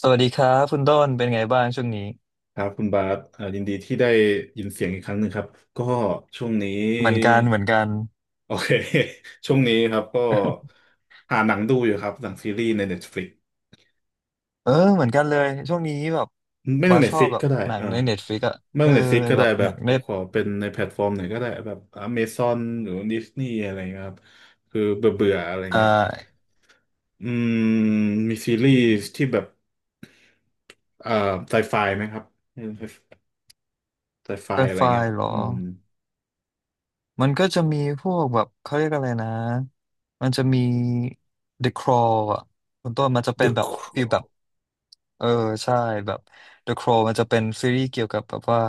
สวัสดีครับคุณต้นเป็นไงบ้างช่วงนี้ครับคุณบาสยินดีที่ได้ยินเสียงอีกครั้งหนึ่งครับก็ช่วงนี้เหมือนกันเหมือนกันโอเค ช่วงนี้ครับก็หาหนังดูอยู่ครับหนังซีรีส์ใน Netflix เออเหมือนกันเลยช่วงนี้แบบไม่ต้อบาง สชอบ Netflix แบบก็ได้หนัเองอในเน็ตฟลิกอะไม่เอต้ออง Netflix ก็แบได้บแบหนับงในตขอเป็นในแพลตฟอร์มไหนก็ได้แบบ Amazon หรือ Disney อะไรเงี้ยครับคือเบื่อเบื่ออะไรอ่เงี้ยาอืมมีซีรีส์ที่แบบเอ่อไซไฟไหมครับไซไฟไซอะไรไฟเงี้ยเหรออืม มันก็จะมีพวกแบบเขาเรียกอะไรนะมันจะมี The Crawl อะคุณต้นมันจะเป็น The แบบฟีลแบบ Crown เออใช่แบบ The Crow มันจะเป็นซีรีส์เกี่ยวกับแบบว่า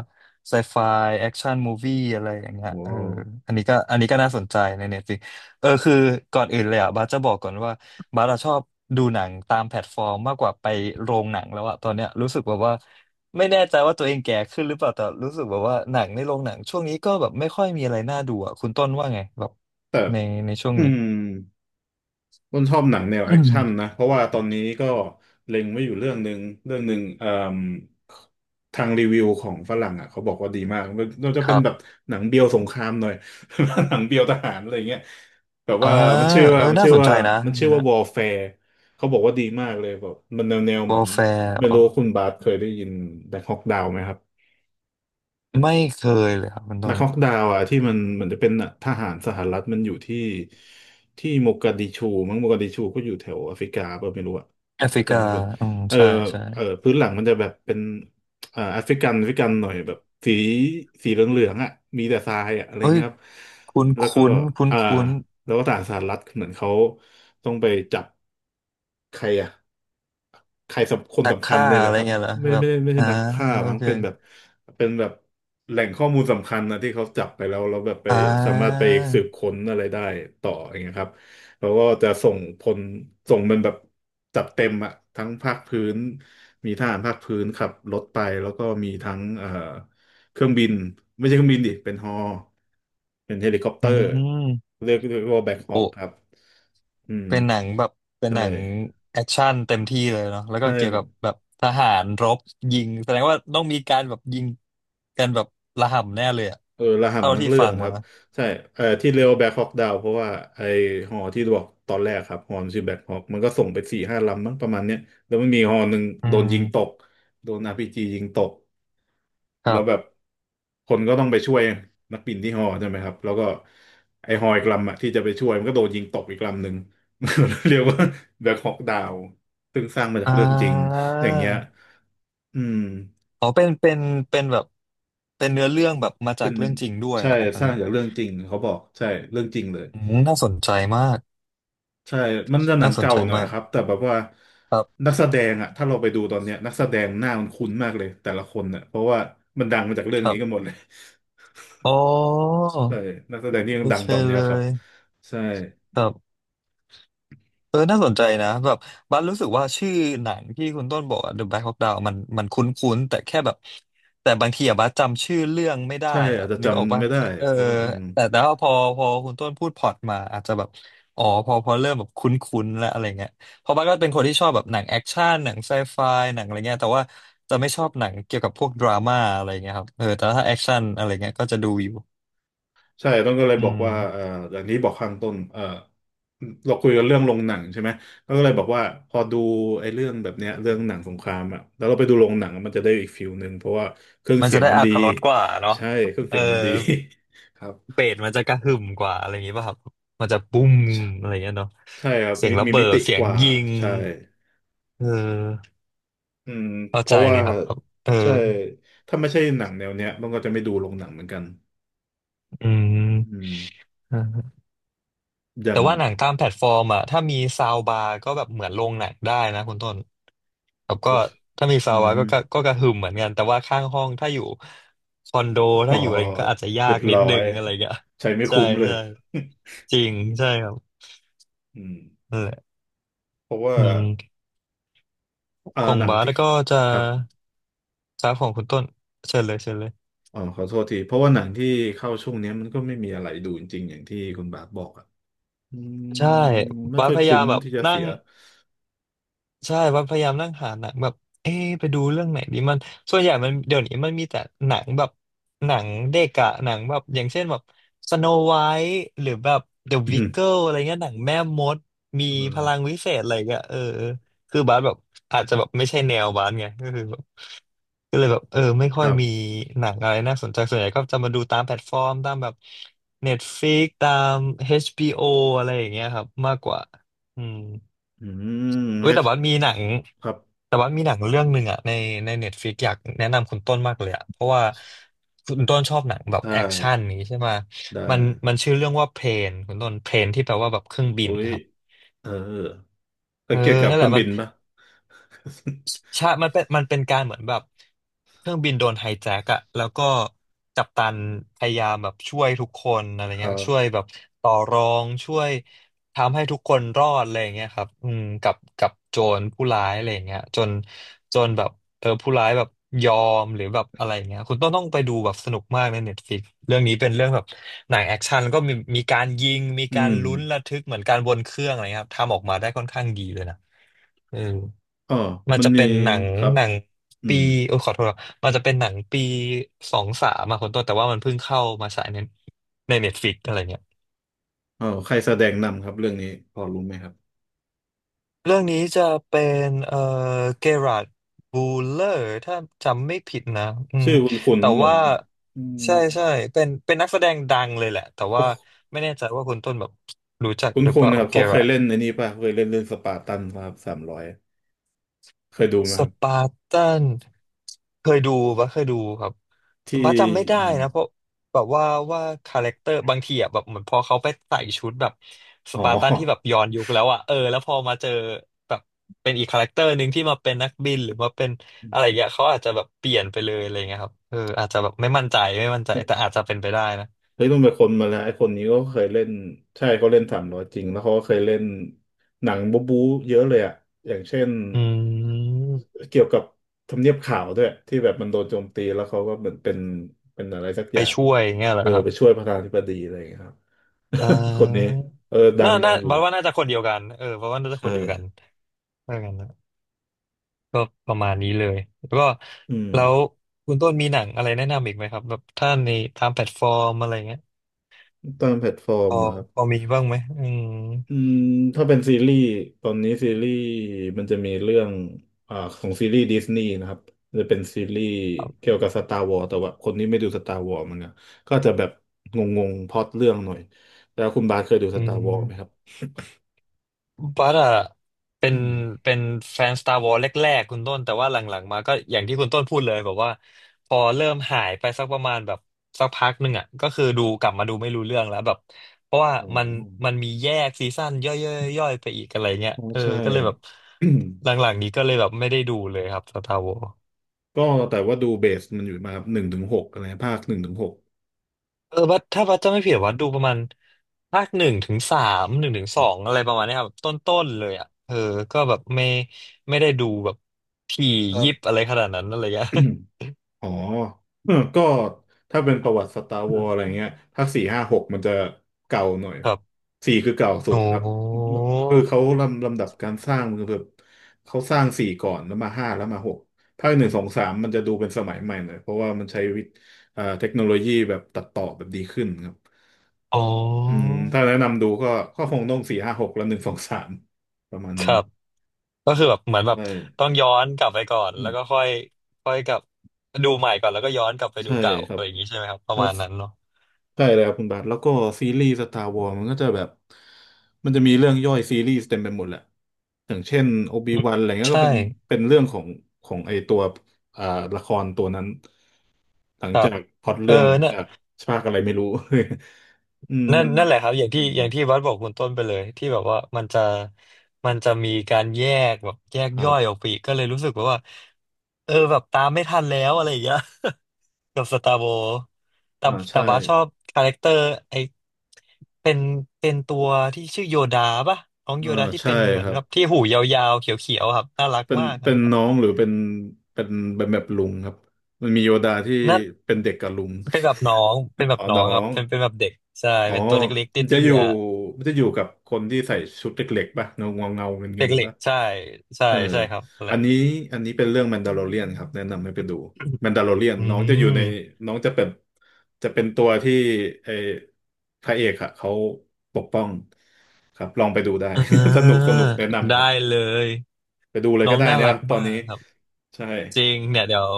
ไซไฟแอคชั่นมูวี่อะไรอย่างเงี้ยเอว้าอว อันนี้ก็น่าสนใจในเน็ตฟลิกเออคือก่อนอื่นเลยอ่ะบาสจะบอกก่อนว่าบาสอะชอบดูหนังตามแพลตฟอร์มมากกว่าไปโรงหนังแล้วอะตอนเนี้ยรู้สึกแบบว่าไม่แน่ใจว่าตัวเองแก่ขึ้นหรือเปล่าแต่รู้สึกแบบว่าหนังในโรงหนังช่วงนี้ก็แบบไม่ค่อยมีอะไรน่าดูอ่ะคุณต้นว่าไงแบบในในช่วงอืนี้ มต้นชอบหนังแนวแอคชั่นนะ เพราะว่าตอนนี้ก็เล็งไว้อยู่เรื่องหนึ่งเรื่องหนึ่งเอ่มทางรีวิวของฝรั่งอ่ะเขาบอกว่าดีมากมันจะคเป็นรับแบบหนังเบียวสงครามหน่อย หนังเบียวทหารอะไรเงี้ยแบบอ่าว่ามันชื่อเอว่าอมันน่าชื่อสนว่าใจนะมันชื่งั้อนว่า นะ Warfare เขาบอกว่าดีมากเลยแบบมันแนวแนว w เหอ มือ r น f ไม่รู้คุณบาสเคยได้ยินแบงคอกดาวไหมครับ ไม่เคยเลยครับคุณต้นักนฮอกดาวอะที่มันเหมือนจะเป็นทหารสหรัฐมันอยู่ที่โมกัดดิชูมั้งโมกัดดิชูก็อยู่แถวแอฟริกาเปล่าไม่รู้อ่ะแอฟถ้าริกาจำไม่ผิดอืมเออใช่ใช่เออพื้นหลังมันจะแบบเป็นแอฟริกันแอฟริกันหน่อยแบบสีสีเหลืองๆอะมีแต่ทรายอ่ะอะไรเอ้ยเงี้ยครับคุ้นแล้วก็คุ้นคุ้นอ่าคุ้นแล้วก็ทหารสหรัฐเหมือนเขาต้องไปจับใครอ่ะ ใครสำคนตักสำคัญค่าเนี่ยแหอะละไรครับเงี้ยเหรอไม่แบบไม่ไม่ใช่อ่านักฆ่าโอมั้งเคเป็นแบบเป็นแบบแหล่งข้อมูลสำคัญนะที่เขาจับไปแล้วแล้วแบบไปอ่สามารถไปาสืบค้นอะไรได้ต่ออย่างเงี้ยครับแล้วก็จะส่งพลส่งมันแบบจัดเต็มอะทั้งภาคพื้นมีทหารภาคพื้นขับรถไปแล้วก็มีทั้งเครื่องบินไม่ใช่เครื่องบินดิเป็นฮอเป็นเฮลิคอปเตอือร์มเรียกว่าแบ็คฮอโอ้คครับอืมเป็นหนังแบบเป็นใช่หนังแอคชั่นเต็มที่เลยเนาะแล้วก็ใช่ เกี่ยวกับแบบทหารรบยิงแสดงว่าต้องมีการแบบยิงกันแบบระห่ำแน่เลยอะเออระเท่าห่ำทั้งที่เรื่อฟังงคมารับใช่เออที่เรียกว่าแบ็คฮอ k ดาวเพราะว่าไอหอที่บอกตอนแรกครับหอมันชื่อแบ็คฮอ k มันก็ส่งไปสี่ห้าลำมั้งประมาณเนี้ยแล้วมันมีหอหนึ่งอืโดนมยิงตกโดนอาร์พีจียิงตกคแล้รัวแบบบคนก็ต้องไปช่วยนักบินที่หอใช่ไหมครับแล้วก็ไอหออีกลำอะที่จะไปช่วยมันก็โดนยิงตกอีกลำหนึ่ง เรียกว่าแบ็คฮอ k ดาวซึ่งสร้างมาจาอ่กเรื่องจริงอย่างเงี้ยา อืมอ๋อเป็นเป็นแบบ เป็นเนื้อเรื่องแบบมาจาเป็กนเรื่องจริงด้วยใช่เหรอครับอัสนร้านี้งจากเรื่องจริงเขาบอกใช่เรื่องจริงเลย อืมน่าสนใจมากใช่มันจะหนัน่างสนเก่าใจหน่อยมากครับ แต่แบบว่าครับนักแสดงอะถ้าเราไปดูตอนเนี้ยนักแสดงหน้ามันคุ้นมากเลยแต่ละคนเนี่ยเพราะว่ามันดังมาจากเรื่คองรันี้กันหมบดเลย อ๋อ ใช่นักแสดงที่ยัโองดังเคตอนเนี้ยเลครับยใช่ครับ เออน่าสนใจนะแบบบัสรู้สึกว่าชื่อหนังที่คุณต้นบอกอะ The Black Hawk Down มันคุ้นๆแต่แค่แบบแต่บางทีอะบัสจำชื่อเรื่องไม่ได้ใช่อะอาจจะนึกออกจำป่ะไม่ได้เออเพราะว่าอืมแต่แต่ว่าพอคุณต้นพูดพล็อตมาอาจจะแบบอ๋อพอเริ่มแบบคุ้นๆแล้วอะไรเงี้ยเพราะบัสก็เป็นคนที่ชอบแบบหนังแอคชั่นหนังไซไฟหนังอะไรเงี้ยแต่ว่าจะไม่ชอบหนังเกี่ยวกับพวกดราม่าอะไรเงี้ยครับเออแต่ถ้าแอคชั่นอะไรเงี้ยก็จะดูอยู่ใช่ต้องก็เลยอืบอกมว่าอย่างนี้บอกข้างต้นเราคุยกันเรื่องโรงหนังใช่ไหมแล้วก็เลยบอกว่าพอดูไอ้เรื่องแบบเนี้ยเรื่องหนังสงครามอ่ะแล้วเราไปดูโรงหนังอะมันจะได้อีกฟิลหนึ่งเพราะว่าเครื่องมันเสีจะยงได้มันอรดีรถรสกว่าเนาะใช่เครื่องเอเสีอ ยงมันดี ครับ เบสมันจะกระหึ่มกว่าอะไรอย่างงี้ป่ะครับมันจะปุ้มใช่อะไรอย่างเงี้ยเนาะใช่ครับเสียมงระมีเบิมิดติเสียกงว่ายิงใช่เอออืมเข้าเพใจราะเลว่ายครับครับเออใช่ถ้าไม่ใช่หนังแนวเนี้ยมันก็จะไม่ดูลงหนังเหมือนกันอือืมมเอออย่าแต่งว่าหนังตามแพลตฟอร์มอ่ะถ้ามีซาวบาร์ก็แบบเหมือนโรงหนังได้นะคุณต้นครับก็อุ๊ยถ้ามีอืซาวบาร์มก็กระหึ่มเหมือนกันแต่ว่าข้างห้องถ้าอยู่คอนโดอ๋ถ้าออยู่อะไรก็อาจจะยาเรียกบนิดร้อนึยงอะไรอย่างเงี้ยใช้ไม่ใช่คุ้มเลย ใช่จริงใช่ครับ อืมนั่นแหละเพราะว่าอืมอ่าของหนังบาสที่ก็จะ ครับครับของคุณต้นเชิญเลยเชิญเลยอ๋อขอโทษทีเพราะว่าหนังที่เข้าช่วงเนี้ยมันก็ไม่มีอะไรดูจริงๆอย่างที่คุณบาสบอกอ่ะอืมใช่ไม่บาสค่อยพยายาคุ้มมแบบที่จะนั่เสีง ย ใช่ว่าพยายามนั่งหาหนังแบบเอ๊ะไปดูเรื่องไหนดีมัน ส่วนใหญ่มันเดี๋ยวนี้มันมีแต่หนังแบบหนังเด็กอะหนังแบบอย่างเช่นแบบสโนไวท์หรือแบบเดอะ อืวิกเกิมลอะไรเงี้ยหนังแม่มดมีเอพอลังวิเศษอะไรเงี้ยเออคือบาสแบบอาจจะแบบไม่ใช่แนวบาสไงก็คือแบบก็เลยแบบเออไม่คค่อยรัมีบหนังอะไรน่าสนใจส่วนใหญ่ก็จะมาดูตามแพลตฟอร์มตามแบบ Netflix ตาม h โ o อะไรอย่างเงี้ยครับมากกว่าอืม อืมเว้ยให้แต่ว่ามีหนังครับ แต่ว่ามีหนังเรื่องหนึ่งอะในเน็ตฟลิกอยากแนะนำคุณต้นมากเลยอะเพราะว่าคุณต้นชอบหนังแบบได้แอคชั่นนี้ใช่ไหมได้มันมันชื่อเรื่องว่าเพลนคุณต้นเพลนที่แปลว่าแบบเครื่องบินอุ้ยนะครับเออแต่เออเกี่ยวกับนั่นเคแหรื่ละองมับิน นปะ ใช่มันเป็นการเหมือนแบบเครื่องบินโดนไฮแจ็คอะแล้วก็กัปตันพยายามแบบช่วยทุกคนอะไร คเงี้รัยช่วยบแบบต่อรอง ช่วยทำให้ทุกคนรอดอะไรเงี้ยครับอืมกับโจรผู้ร้ายอะไรเงี้ยจนแบบเออผู้ร้ายแบบยอมหรือแบบอะไรเงี้ยคุณต้องไปดูแบบสนุกมากในเน็ตฟลิกเรื่องนี้เป็นเรื่องแบบหนังแอคชั่นแล้วก็มีการยิง มีอืการมลุ้นระทึกเหมือนการบนเครื่องอะไรเงี้ยครับทำออกมาได้ค่อนข้างดีเลยนะ เอออ๋อมันมันจะมีเป็นหนังครับหนังอืปีมโอ้ยขอโทษครับมันจะเป็นหนังปีสองสามมาคนต้นแต่ว่ามันเพิ่งเข้ามาฉายในในเน็ตฟลิกอะไรเงี้ยอ๋อใครแสดงนำครับเรื่องนี้พอรู้ไหมครับเรื่องนี้จะเป็นเกราดบูเลอร์ถ้าจำไม่ผิดนะอืมชื่อคุณคุณแต่เหมือว่านอืมใช่ใช่เป็นเป็นนักแสดงดังเลยแหละแต่ว่าเขาไม่แน่ใจว่าคุณต้นแบบรู้จักคุณหรือคุเปณล่านะครับเกเขาเครา ยเล่นในนี้ป่ะเคยเล่นเล่นสปาร์ตันครับสามร้อยเคยดูไหมสครับปาร์ตันเคยดูปะเคยดูครับแต่ที่บ้าจำไม่ได้อมนะเพราะแบบว่าว่าคาแรคเตอร์บางทีอ่ะแบบเหมือนพอเขาไปใส่ชุดแบบสอ๋อ ปาร์ตันที่แบบย้อนยุคแล้วอ่ะเออแล้วพอมาเจอแบบเป็นอีกคาแรคเตอร์หนึ่งที่มาเป็นนักบินหรือมาเป็นอะไรอย่างเงี้ยเขาอาจจะแบบเปลี่ยนไปเลยอะไรเงี้ยครับเอออาจจะแบบไม่มั่นใจไม่มั่นใจแต่อาจจะเป็นไปได้นะเฮ้ยต้องเป็นคนมาแล้วไอ้คนนี้ก็เคยเล่นใช่เขาเล่นสามร้อยจริงแล้วเขาก็เคยเล่นหนังบู๊บู๊เยอะเลยอะอย่างเช่นอืมเกี่ยวกับทำเนียบขาวด้วยที่แบบมันโดนโจมตีแล้วเขาก็เหมือนเป็นเป็นอะไรสักอไปย่างช่วยอย่างเงี้ยเหรเอออครับไปช่วยประธานาธิบดีอะไรอย่างเงี้ยครับ อ่ คนนี้าเออดัน่างดัน่างอยู่บ้าว่าน่าจะคนเดียวกันเออบ้าว่าน่าจะคใช่นเดียวกันเออกันนะ ก็ประมาณนี้เลยแล้วก็อืมแล้วคุณต้นมีหนังอะไรแนะนำอีกไหมครับแบบถ้าในตามแพลตฟอร์มอะไรเงี้ยตามแพลตฟอพร์มออะครับ พอมีบ้างไหมอืมอืมถ้าเป็นซีรีส์ตอนนี้ซีรีส์มันจะมีเรื่องของซีรีส์ดิสนีย์นะครับมันจะเป็นซีรีส์เกี่ยวกับสตาร์วอ s แต่ว่าคนที่ไม่ดูสตาร์วอ s มันก็จะแบบงงๆพล็อตเรื่องหน่อยแล้วคุณบาสเคยดูสอืตาร์วอ s ไหมครับม บัสอะเป็อืนมเป็นแฟน Star Wars แรกๆคุณต้นแต่ว่าหลังๆมาก็อย่างที่คุณต้นพูดเลยแบบว่าพอเริ่มหายไปสักประมาณแบบสักพักหนึ่งอะก็คือดูกลับมาดูไม่รู้เรื่องแล้วแบบเพราะว่าโอ้มันมันมีแยกซีซั่นย่อยๆๆๆไปอีกอะไรเงี้ยโอ้เออใช่ ก็เลยแบบหลั งๆนี้ก็เลยแบบไม่ได้ดูเลยครับ Star Wars ก็แต่ว่าดูเบสมันอยู่มาหนึ่งถึงหกอะไรภาคหนึ่งถึงหกเออบัดถ้าบัดจะไม่ผิดวัดดูประมาณภาคหนึ่งถึงสามหนึ่งถึงสองอะไรประมาณเนี้ยครับต้นๆเลยอ่ะเออก็แบบไม่ไม่ได้ดูแบบถี่ครัยิบบ อะไรขนาดนั้นอะไรเงี้ย อ๋อเออก็ถ้าเป็นประวัติสตาร์อืวอ s ม อะ ไรเงี้ยภาคสี่ห้าหกมันจะเก่าหน่อยครับสี่คือเก่าสุดโอ้ครับ คือเขาลำดับการสร้างคือแบบเขาสร้างสี่ก่อนแล้วมาห้าแล้วมาหกภาคหนึ่งสองสามมันจะดูเป็นสมัยใหม่หน่อยเพราะว่ามันใช้วิทย์เทคโนโลยีแบบตัดต่อแบบดีขึ้นครับอ๋ออืมถ้าแนะนำดูก็คงต้องสี่ห้าหกแล้วหนึ่งสองสามประมาณคนี้รับก็คือแบบเหมือนแบบใช่ต้องย้อนกลับไปก่อนอืแล้วมก็ค่อยค่อยกลับดูใหม่ก่อนแล้วก็ย้อนกลับไปดูใช่เก่าคอะรับ ไรอย่างนี้ใช่ไหมครับประมาณนั้นเนาะใช่เลยครับคุณบาทแล้วก็ซีรีส์สตาร์วอ s มันก็จะแบบมันจะมีเรื่องย่อยซีรีส์เต็มไปหมดแหละอย่างเช่นโอบิอืมวันอะไรเงี้ยใช่ก็เป็นเป็นเรื่องของของไอตัวอ่าละครตัวนั้นหลัคงรัจาบกพล็อตเออเรื่องหลังเนี่ย จากภาคอะไรไม่รู้ นั่มันนนั่นแหละครับอย่างอืที่มอย่างที่วัดบอกคุณต้นไปเลยที่แบบว่ามันจะมันจะมีการแยกแบบแยกครัย่อยออกบไปอีกก็เลยรู้สึกว่าเออแบบตามไม่ทันแล้วอะไรอย่างเงี้ย กับสตาร์โวแต่อ่าแต่ใช่ว่าชอบคาแรคเตอร์ไอเป็นเป็นตัวที่ชื่อโยดาปะน้องอ่าโยดาที่ใช่เป็นเหมืคอนรับแบบที่หูยาวๆเขียวๆครับน่ารักเป็นมากอัเป็นนนั้นน้องหรือเป็นเป็นแบบลุงครับมันมีโยดาที่นั่นเป็นเด็กกับลุง เป็นแบบน้องเป็น แบบอ๋อน้อน้องครับง เป็นเป็นแบบเด็กใช่อ๋อเป็นตัวเล็กๆมันจะเตี้อยู่ยๆ มันจะอยู่กับคนที่ใส่ชุดเล็กๆป่ะเงาเงาเงาเงินเงิเด็กนเหๆล็กป่ะใช่ใช่เออใช่ครับนั่นแหอันละ นี้อันนี้เป็นเรื่องแมนดา l ลเรียนครับแนะนำให้ไปดูแมนดา l ลเรียน อืน้องจะอยู่ในมน้องจะเป็นจะเป็นตัวที่ไอ้พระเอกอะเขาปกป้องครับลองไปดูได้ อ่ าสนุกแนะนำคได้รับเลยไปดูเลยน้อก็งได้น่านะครัรักบตอมานนี้กครับใช่จริงเนี่ยเดี๋ยว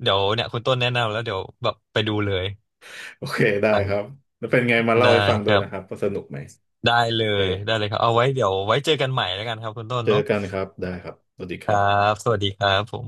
เดี๋ยวเนี่ยคุณต้นแนะนำแล้วเดี๋ยวแบบไปดูเลยโอเคได้หลังครับแล้วเป็นไงมาเล่าได้ให้ฟังคด้วยรันะครับบว่าสนุกไหมได้เลโอเคยได้เลยครับเอาไว้เดี๋ยวไว้เจอกันใหม่แล้วกันครับคุณต้นเจอเนาะกันครับได้ครับสวัสดีคครัรับบสวัสดีครับผม